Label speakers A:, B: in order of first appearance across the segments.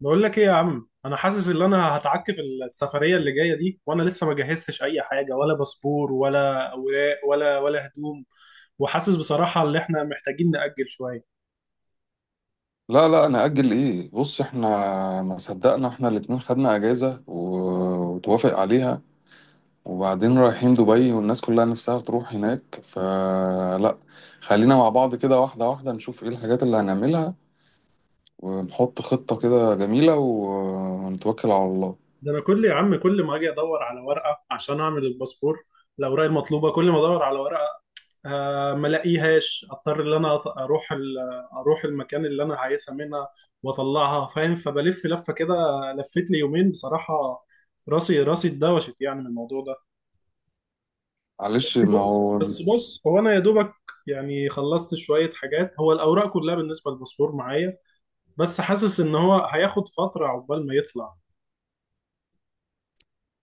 A: بقول لك ايه يا عم، انا حاسس ان انا هتعكف السفريه اللي جايه دي، وانا لسه ما جهزتش اي حاجه، ولا باسبور ولا اوراق ولا هدوم. وحاسس بصراحه ان احنا محتاجين نأجل شويه.
B: لا لا، انا اجل ايه؟ بص، احنا ما صدقنا احنا الاتنين خدنا اجازة و- وتوافق عليها، وبعدين رايحين دبي والناس كلها نفسها تروح هناك. فلا، خلينا مع بعض كده واحدة واحدة نشوف ايه الحاجات اللي هنعملها، ونحط خطة كده جميلة و- ونتوكل على الله.
A: ده انا يا عم، كل ما اجي ادور على ورقه عشان اعمل الباسبور، الاوراق المطلوبه، كل ما ادور على ورقه ما الاقيهاش، اضطر ان انا اروح المكان اللي انا عايزها منها واطلعها، فاهم؟ فبلف لفه كده، لفت لي يومين بصراحه. راسي اتدوشت يعني من الموضوع ده.
B: معلش،
A: بس
B: ما
A: بص
B: هو
A: بس بص هو انا يا دوبك يعني خلصت شويه حاجات، هو الاوراق كلها بالنسبه للباسبور معايا، بس حاسس ان هو هياخد فتره عقبال ما يطلع.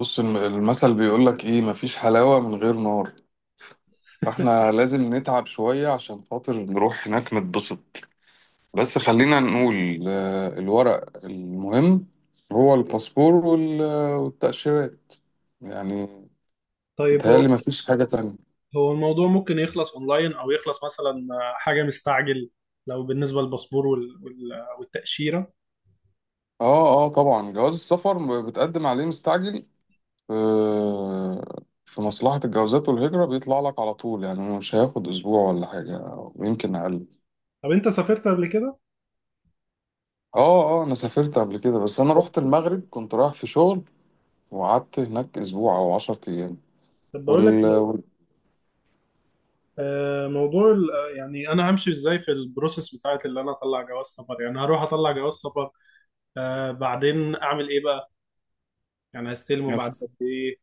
B: بص المثل بيقولك ايه، مفيش حلاوة من غير نار. فاحنا لازم نتعب شوية عشان خاطر نروح هناك نتبسط. بس خلينا نقول الورق المهم هو الباسبور وال- والتأشيرات يعني.
A: طيب هو
B: متهيألي مفيش حاجة تانية.
A: هو الموضوع ممكن يخلص اونلاين او يخلص مثلا حاجه مستعجل، لو بالنسبه للباسبور والتاشيره؟
B: اه اه، طبعا جواز السفر بتقدم عليه مستعجل. في مصلحة الجوازات والهجرة بيطلع لك على طول، يعني مش هياخد أسبوع ولا حاجة، ويمكن أقل.
A: طب انت سافرت قبل كده؟
B: اه اه، أنا سافرت قبل كده، بس أنا رحت المغرب كنت رايح في شغل، وقعدت هناك أسبوع أو عشرة أيام.
A: طب بقول لك
B: وال...
A: إيه، موضوع يعني انا همشي ازاي في البروسيس بتاعت اللي انا اطلع جواز سفر؟ يعني هروح اطلع جواز سفر، بعدين اعمل ايه بقى؟ يعني هستلمه
B: وال...
A: بعد قد ايه؟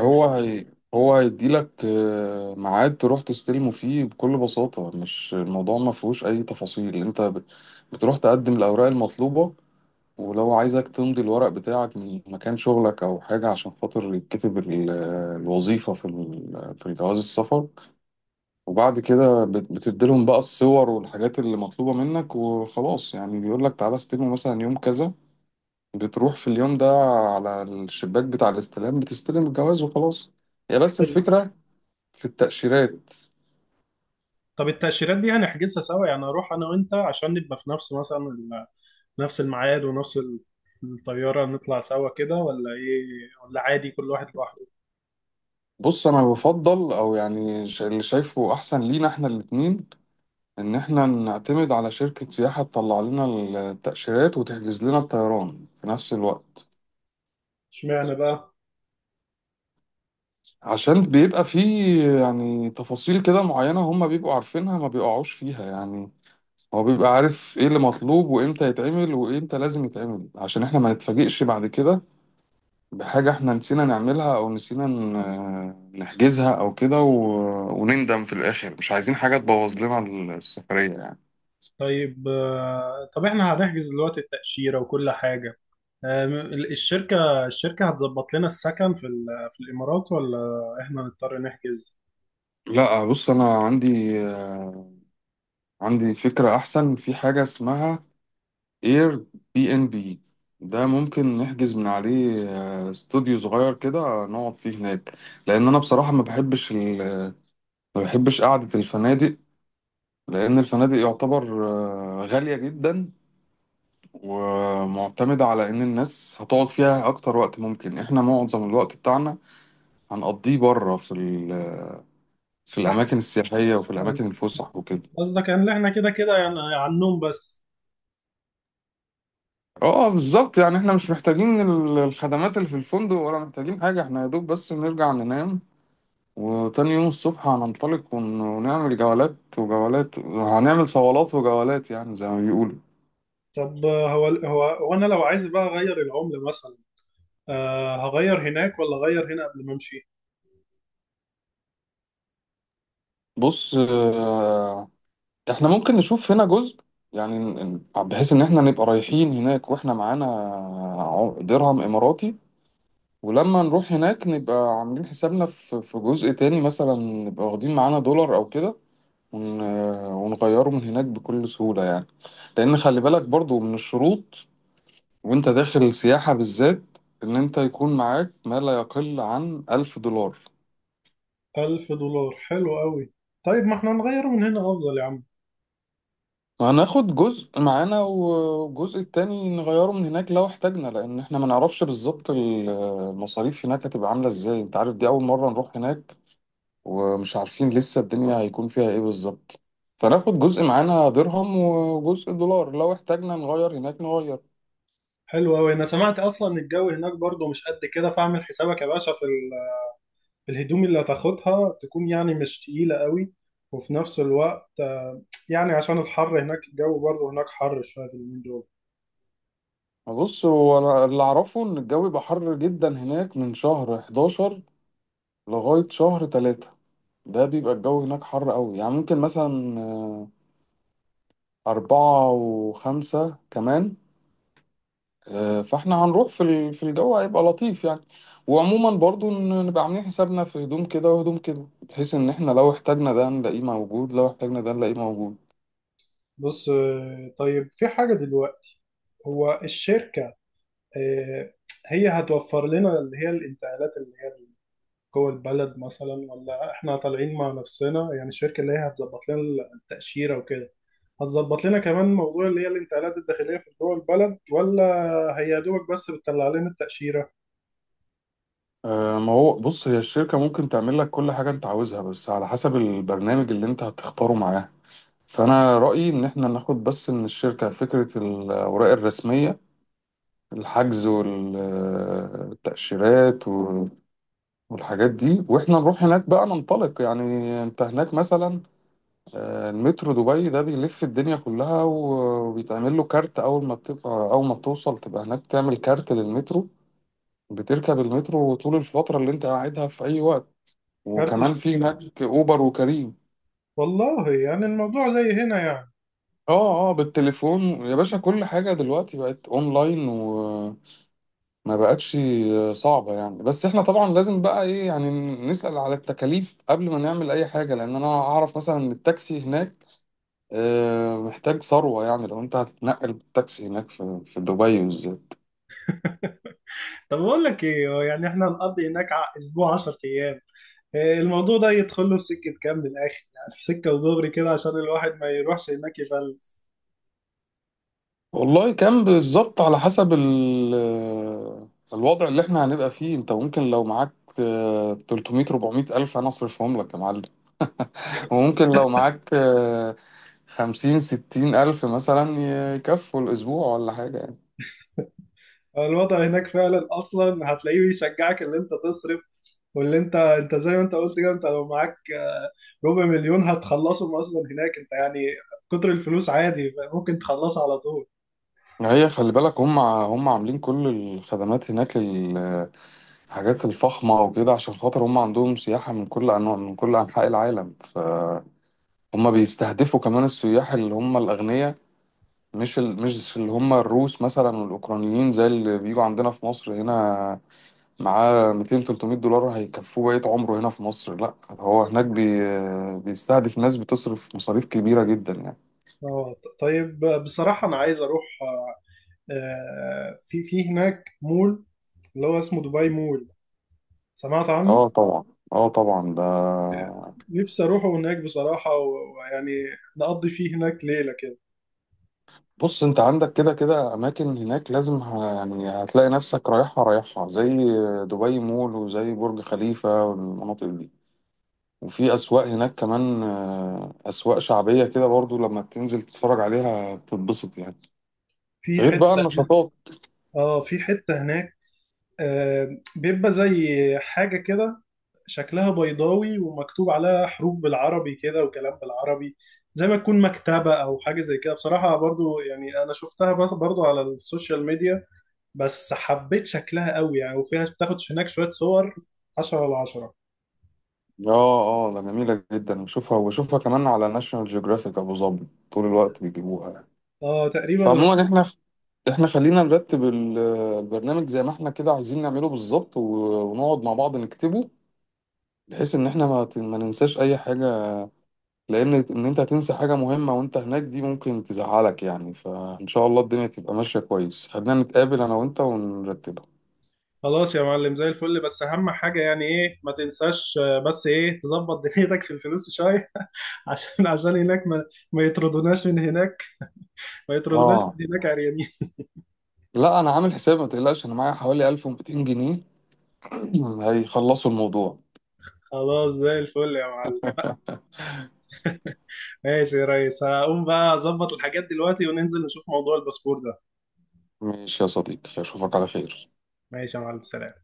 B: هو هي هو هيديلك ميعاد تروح تستلمه فيه بكل بساطة. مش الموضوع ما فيهوش أي تفاصيل، أنت بتروح تقدم الأوراق المطلوبة، ولو عايزك تمضي الورق بتاعك من مكان شغلك أو حاجة عشان خاطر يتكتب الوظيفة في في جواز السفر، وبعد كده بتديلهم بقى الصور والحاجات اللي مطلوبة منك، وخلاص يعني. بيقولك تعالى استلمه مثلا يوم كذا، بتروح في اليوم ده على الشباك بتاع الاستلام بتستلم الجواز وخلاص. هي بس الفكرة في التأشيرات.
A: طب التأشيرات دي يعني هنحجزها سوا؟ يعني اروح انا وانت عشان نبقى في نفس مثلا نفس الميعاد، ونفس الطيارة، نطلع سوا كده ولا ايه؟ ولا عادي كل واحد لوحده؟
B: بص انا بفضل او يعني، اللي شايفه احسن لينا احنا الاتنين، ان احنا نعتمد على شركة سياحة تطلع لنا التأشيرات وتحجز لنا الطيران في نفس الوقت.
A: اشمعنى بقى؟
B: عشان بيبقى فيه يعني تفاصيل كده معينة هم بيبقوا عارفينها، ما بيقعوش فيها يعني. هو بيبقى عارف ايه اللي مطلوب وامتى يتعمل وامتى لازم يتعمل، عشان احنا ما نتفاجئش بعد كده بحاجة احنا نسينا نعملها، او نسينا نحجزها او كده ونندم في الاخر. مش عايزين حاجة تبوظ لنا السفرية يعني.
A: طيب، طب احنا هنحجز دلوقتي التأشيرة وكل حاجة. آه، م- الشركة هتظبط لنا السكن في الإمارات، ولا احنا نضطر نحجز؟
B: لا، بص انا عندي فكرة احسن في حاجة اسمها اير بي ان بي. ده ممكن نحجز من عليه استوديو صغير كده نقعد فيه هناك، لان انا بصراحة ما بحبش قعدة الفنادق. لان الفنادق يعتبر غالية جدا، ومعتمدة على إن الناس هتقعد فيها أكتر وقت ممكن. إحنا معظم الوقت بتاعنا هنقضيه بره في في
A: فاحنا،
B: الأماكن السياحية وفي الأماكن الفسح وكده.
A: قصدك ان احنا كده كده يعني على النوم بس؟
B: اه بالظبط، يعني احنا مش محتاجين الخدمات اللي في الفندق، ولا محتاجين حاجة. احنا يا دوب بس نرجع ننام، وتاني يوم الصبح هننطلق ونعمل جولات وجولات. هنعمل صولات وجولات يعني زي ما بيقولوا.
A: طب، هو انا لو عايز بقى اغير العملة مثلا، هغير هناك ولا أغير هنا قبل ما أمشي؟
B: بص احنا ممكن نشوف هنا جزء، يعني بحيث ان احنا نبقى رايحين هناك واحنا معانا درهم اماراتي. ولما نروح هناك نبقى عاملين حسابنا في جزء تاني، مثلا نبقى واخدين معانا دولار او كده ون- ونغيره من هناك بكل سهولة يعني. لان خلي بالك برضو من الشروط، وانت داخل السياحة بالذات، ان انت يكون معاك ما لا يقل عن ألف دولار.
A: 1000 دولار حلو أوي. طيب ما احنا نغيره من هنا أفضل يا عم.
B: هناخد جزء معانا، والجزء التاني نغيره من هناك لو احتاجنا، لأن احنا ما نعرفش بالظبط المصاريف هناك هتبقى عاملة ازاي. انت عارف دي أول مرة نروح هناك، ومش عارفين لسه الدنيا هيكون فيها ايه بالظبط. فناخد جزء معانا درهم وجزء دولار، لو احتاجنا نغير هناك نغير.
A: حلو أوي. أنا سمعت أصلا إن الجو هناك برضو مش قد كده، فاعمل حسابك يا باشا في الهدوم اللي هتاخدها تكون يعني مش تقيلة أوي، وفي نفس الوقت يعني عشان الحر هناك، الجو برضو هناك حر شوية في اليومين دول.
B: بص، هو أنا اللي أعرفه إن الجو بيبقى حر جدا هناك من شهر 11 لغاية شهر 3. ده بيبقى الجو هناك حر قوي، يعني ممكن مثلا أربعة وخمسة كمان. فاحنا هنروح في في الجو هيبقى لطيف يعني. وعموما برضو نبقى عاملين حسابنا في هدوم كده وهدوم كده، بحيث ان احنا لو احتاجنا ده نلاقيه موجود، لو احتاجنا ده نلاقيه موجود.
A: بص، طيب في حاجة دلوقتي، هو الشركة آه، هي هتوفر لنا اللي هي الانتقالات اللي جوه البلد مثلا، ولا احنا طالعين مع نفسنا؟ يعني الشركة اللي هي هتظبط لنا التأشيرة وكده، هتظبط لنا كمان موضوع اللي هي الانتقالات الداخلية في جوه البلد، ولا هي يا دوبك بس بتطلع لنا التأشيرة؟
B: ما هو بص هي الشركة ممكن تعمل لك كل حاجة انت عاوزها، بس على حسب البرنامج اللي انت هتختاره معاه. فانا رأيي ان احنا ناخد بس من الشركة فكرة الاوراق الرسمية، الحجز والتأشيرات والحاجات دي، واحنا نروح هناك بقى ننطلق يعني. انت هناك مثلا المترو دبي ده بيلف الدنيا كلها، و- وبيتعمل له كارت. أول ما بتوصل تبقى هناك تعمل كارت للمترو، بتركب المترو طول الفترة اللي أنت قاعدها في أي وقت.
A: كارت
B: وكمان
A: الش-
B: في هناك أوبر وكريم.
A: والله يعني الموضوع زي هنا يعني.
B: اه اه، بالتليفون يا باشا كل حاجة دلوقتي بقت اونلاين، وما بقتش صعبة يعني. بس احنا طبعا لازم بقى ايه يعني نسأل على التكاليف قبل ما نعمل اي حاجة، لان انا اعرف مثلا ان التاكسي هناك محتاج ثروة، يعني لو أنت هتتنقل بالتاكسي هناك في دبي بالذات.
A: طب بقول لك ايه، هو يعني احنا هنقضي هناك اسبوع 10 ايام، إيه الموضوع ده يدخل له في سكة كام من الآخر؟ يعني في سكة ودغري كده عشان الواحد ما يروحش هناك يفلس.
B: والله كان بالظبط على حسب الوضع اللي احنا هنبقى فيه. أنت ممكن لو معاك 300 400 ألف أنا أصرفهم لك يا معلم، وممكن لو معاك 50 60 ألف مثلا يكفوا الأسبوع ولا حاجة يعني.
A: الوضع هناك فعلا أصلا هتلاقيه بيشجعك إن أنت تصرف، واللي انت زي ما انت قلت كده، انت لو معاك ربع مليون هتخلصهم اصلا هناك انت يعني. كتر الفلوس عادي ممكن تخلصها على طول.
B: هي خلي بالك، هم عاملين كل الخدمات هناك الحاجات الفخمة وكده، عشان خاطر هم عندهم سياحة من كل أنواع، من كل أنحاء العالم. ف هما بيستهدفوا كمان السياح اللي هم الأغنياء، مش اللي هم الروس مثلا والأوكرانيين زي اللي بيجوا عندنا في مصر هنا، معاه 200 300 دولار هيكفوه بقية عمره هنا في مصر. لا، هو هناك بيستهدف ناس بتصرف مصاريف كبيرة جدا يعني.
A: طيب بصراحة انا عايز اروح، في هناك مول اللي هو اسمه دبي مول، سمعت عنه؟
B: اه طبعا، اه طبعا ده.
A: نفسي اروحه هناك بصراحة، ويعني نقضي فيه هناك ليلة كده.
B: بص انت عندك كده كده اماكن هناك لازم يعني هتلاقي نفسك رايحها رايحها زي دبي مول وزي برج خليفة والمناطق دي. وفي أسواق هناك كمان أسواق شعبية كده برضو، لما بتنزل تتفرج عليها بتتبسط يعني.
A: في
B: غير بقى
A: حتة،
B: النشاطات.
A: اه في حتة هناك بيبقى زي حاجة كده شكلها بيضاوي ومكتوب عليها حروف بالعربي كده وكلام بالعربي، زي ما تكون مكتبة أو حاجة زي كده بصراحة، برضو يعني أنا شفتها بس برضو على السوشيال ميديا، بس حبيت شكلها قوي يعني، وفيها بتاخد هناك شوية صور 10/10.
B: اه اه، ده جميلة جدا، بشوفها وبشوفها كمان على ناشونال جيوغرافيك أبو ظبي طول الوقت بيجيبوها يعني.
A: اه تقريبا اللي
B: فعموما
A: هو.
B: احنا خلينا نرتب البرنامج زي ما احنا كده عايزين نعمله بالظبط، و- ونقعد مع بعض نكتبه، بحيث ان احنا ما ننساش اي حاجة، لان ان انت هتنسى حاجه مهمه وانت هناك دي ممكن تزعلك يعني. فان شاء الله الدنيا تبقى ماشيه كويس. خلينا نتقابل انا وانت ونرتبها.
A: خلاص يا معلم زي الفل. بس أهم حاجة يعني إيه؟ ما تنساش، بس إيه، تظبط دنيتك في الفلوس شوية عشان هناك ما يطردوناش من هناك ما يطردوناش
B: اه،
A: من هناك عريانين.
B: لا انا عامل حساب ما تقلقش، انا معايا حوالي 1200 جنيه هيخلصوا الموضوع.
A: خلاص زي الفل يا معلم. ماشي يا ريس، هقوم بقى اظبط الحاجات دلوقتي وننزل نشوف موضوع الباسبور ده.
B: ماشي يا صديقي، اشوفك على خير.
A: ماشي يا معلم، سلام.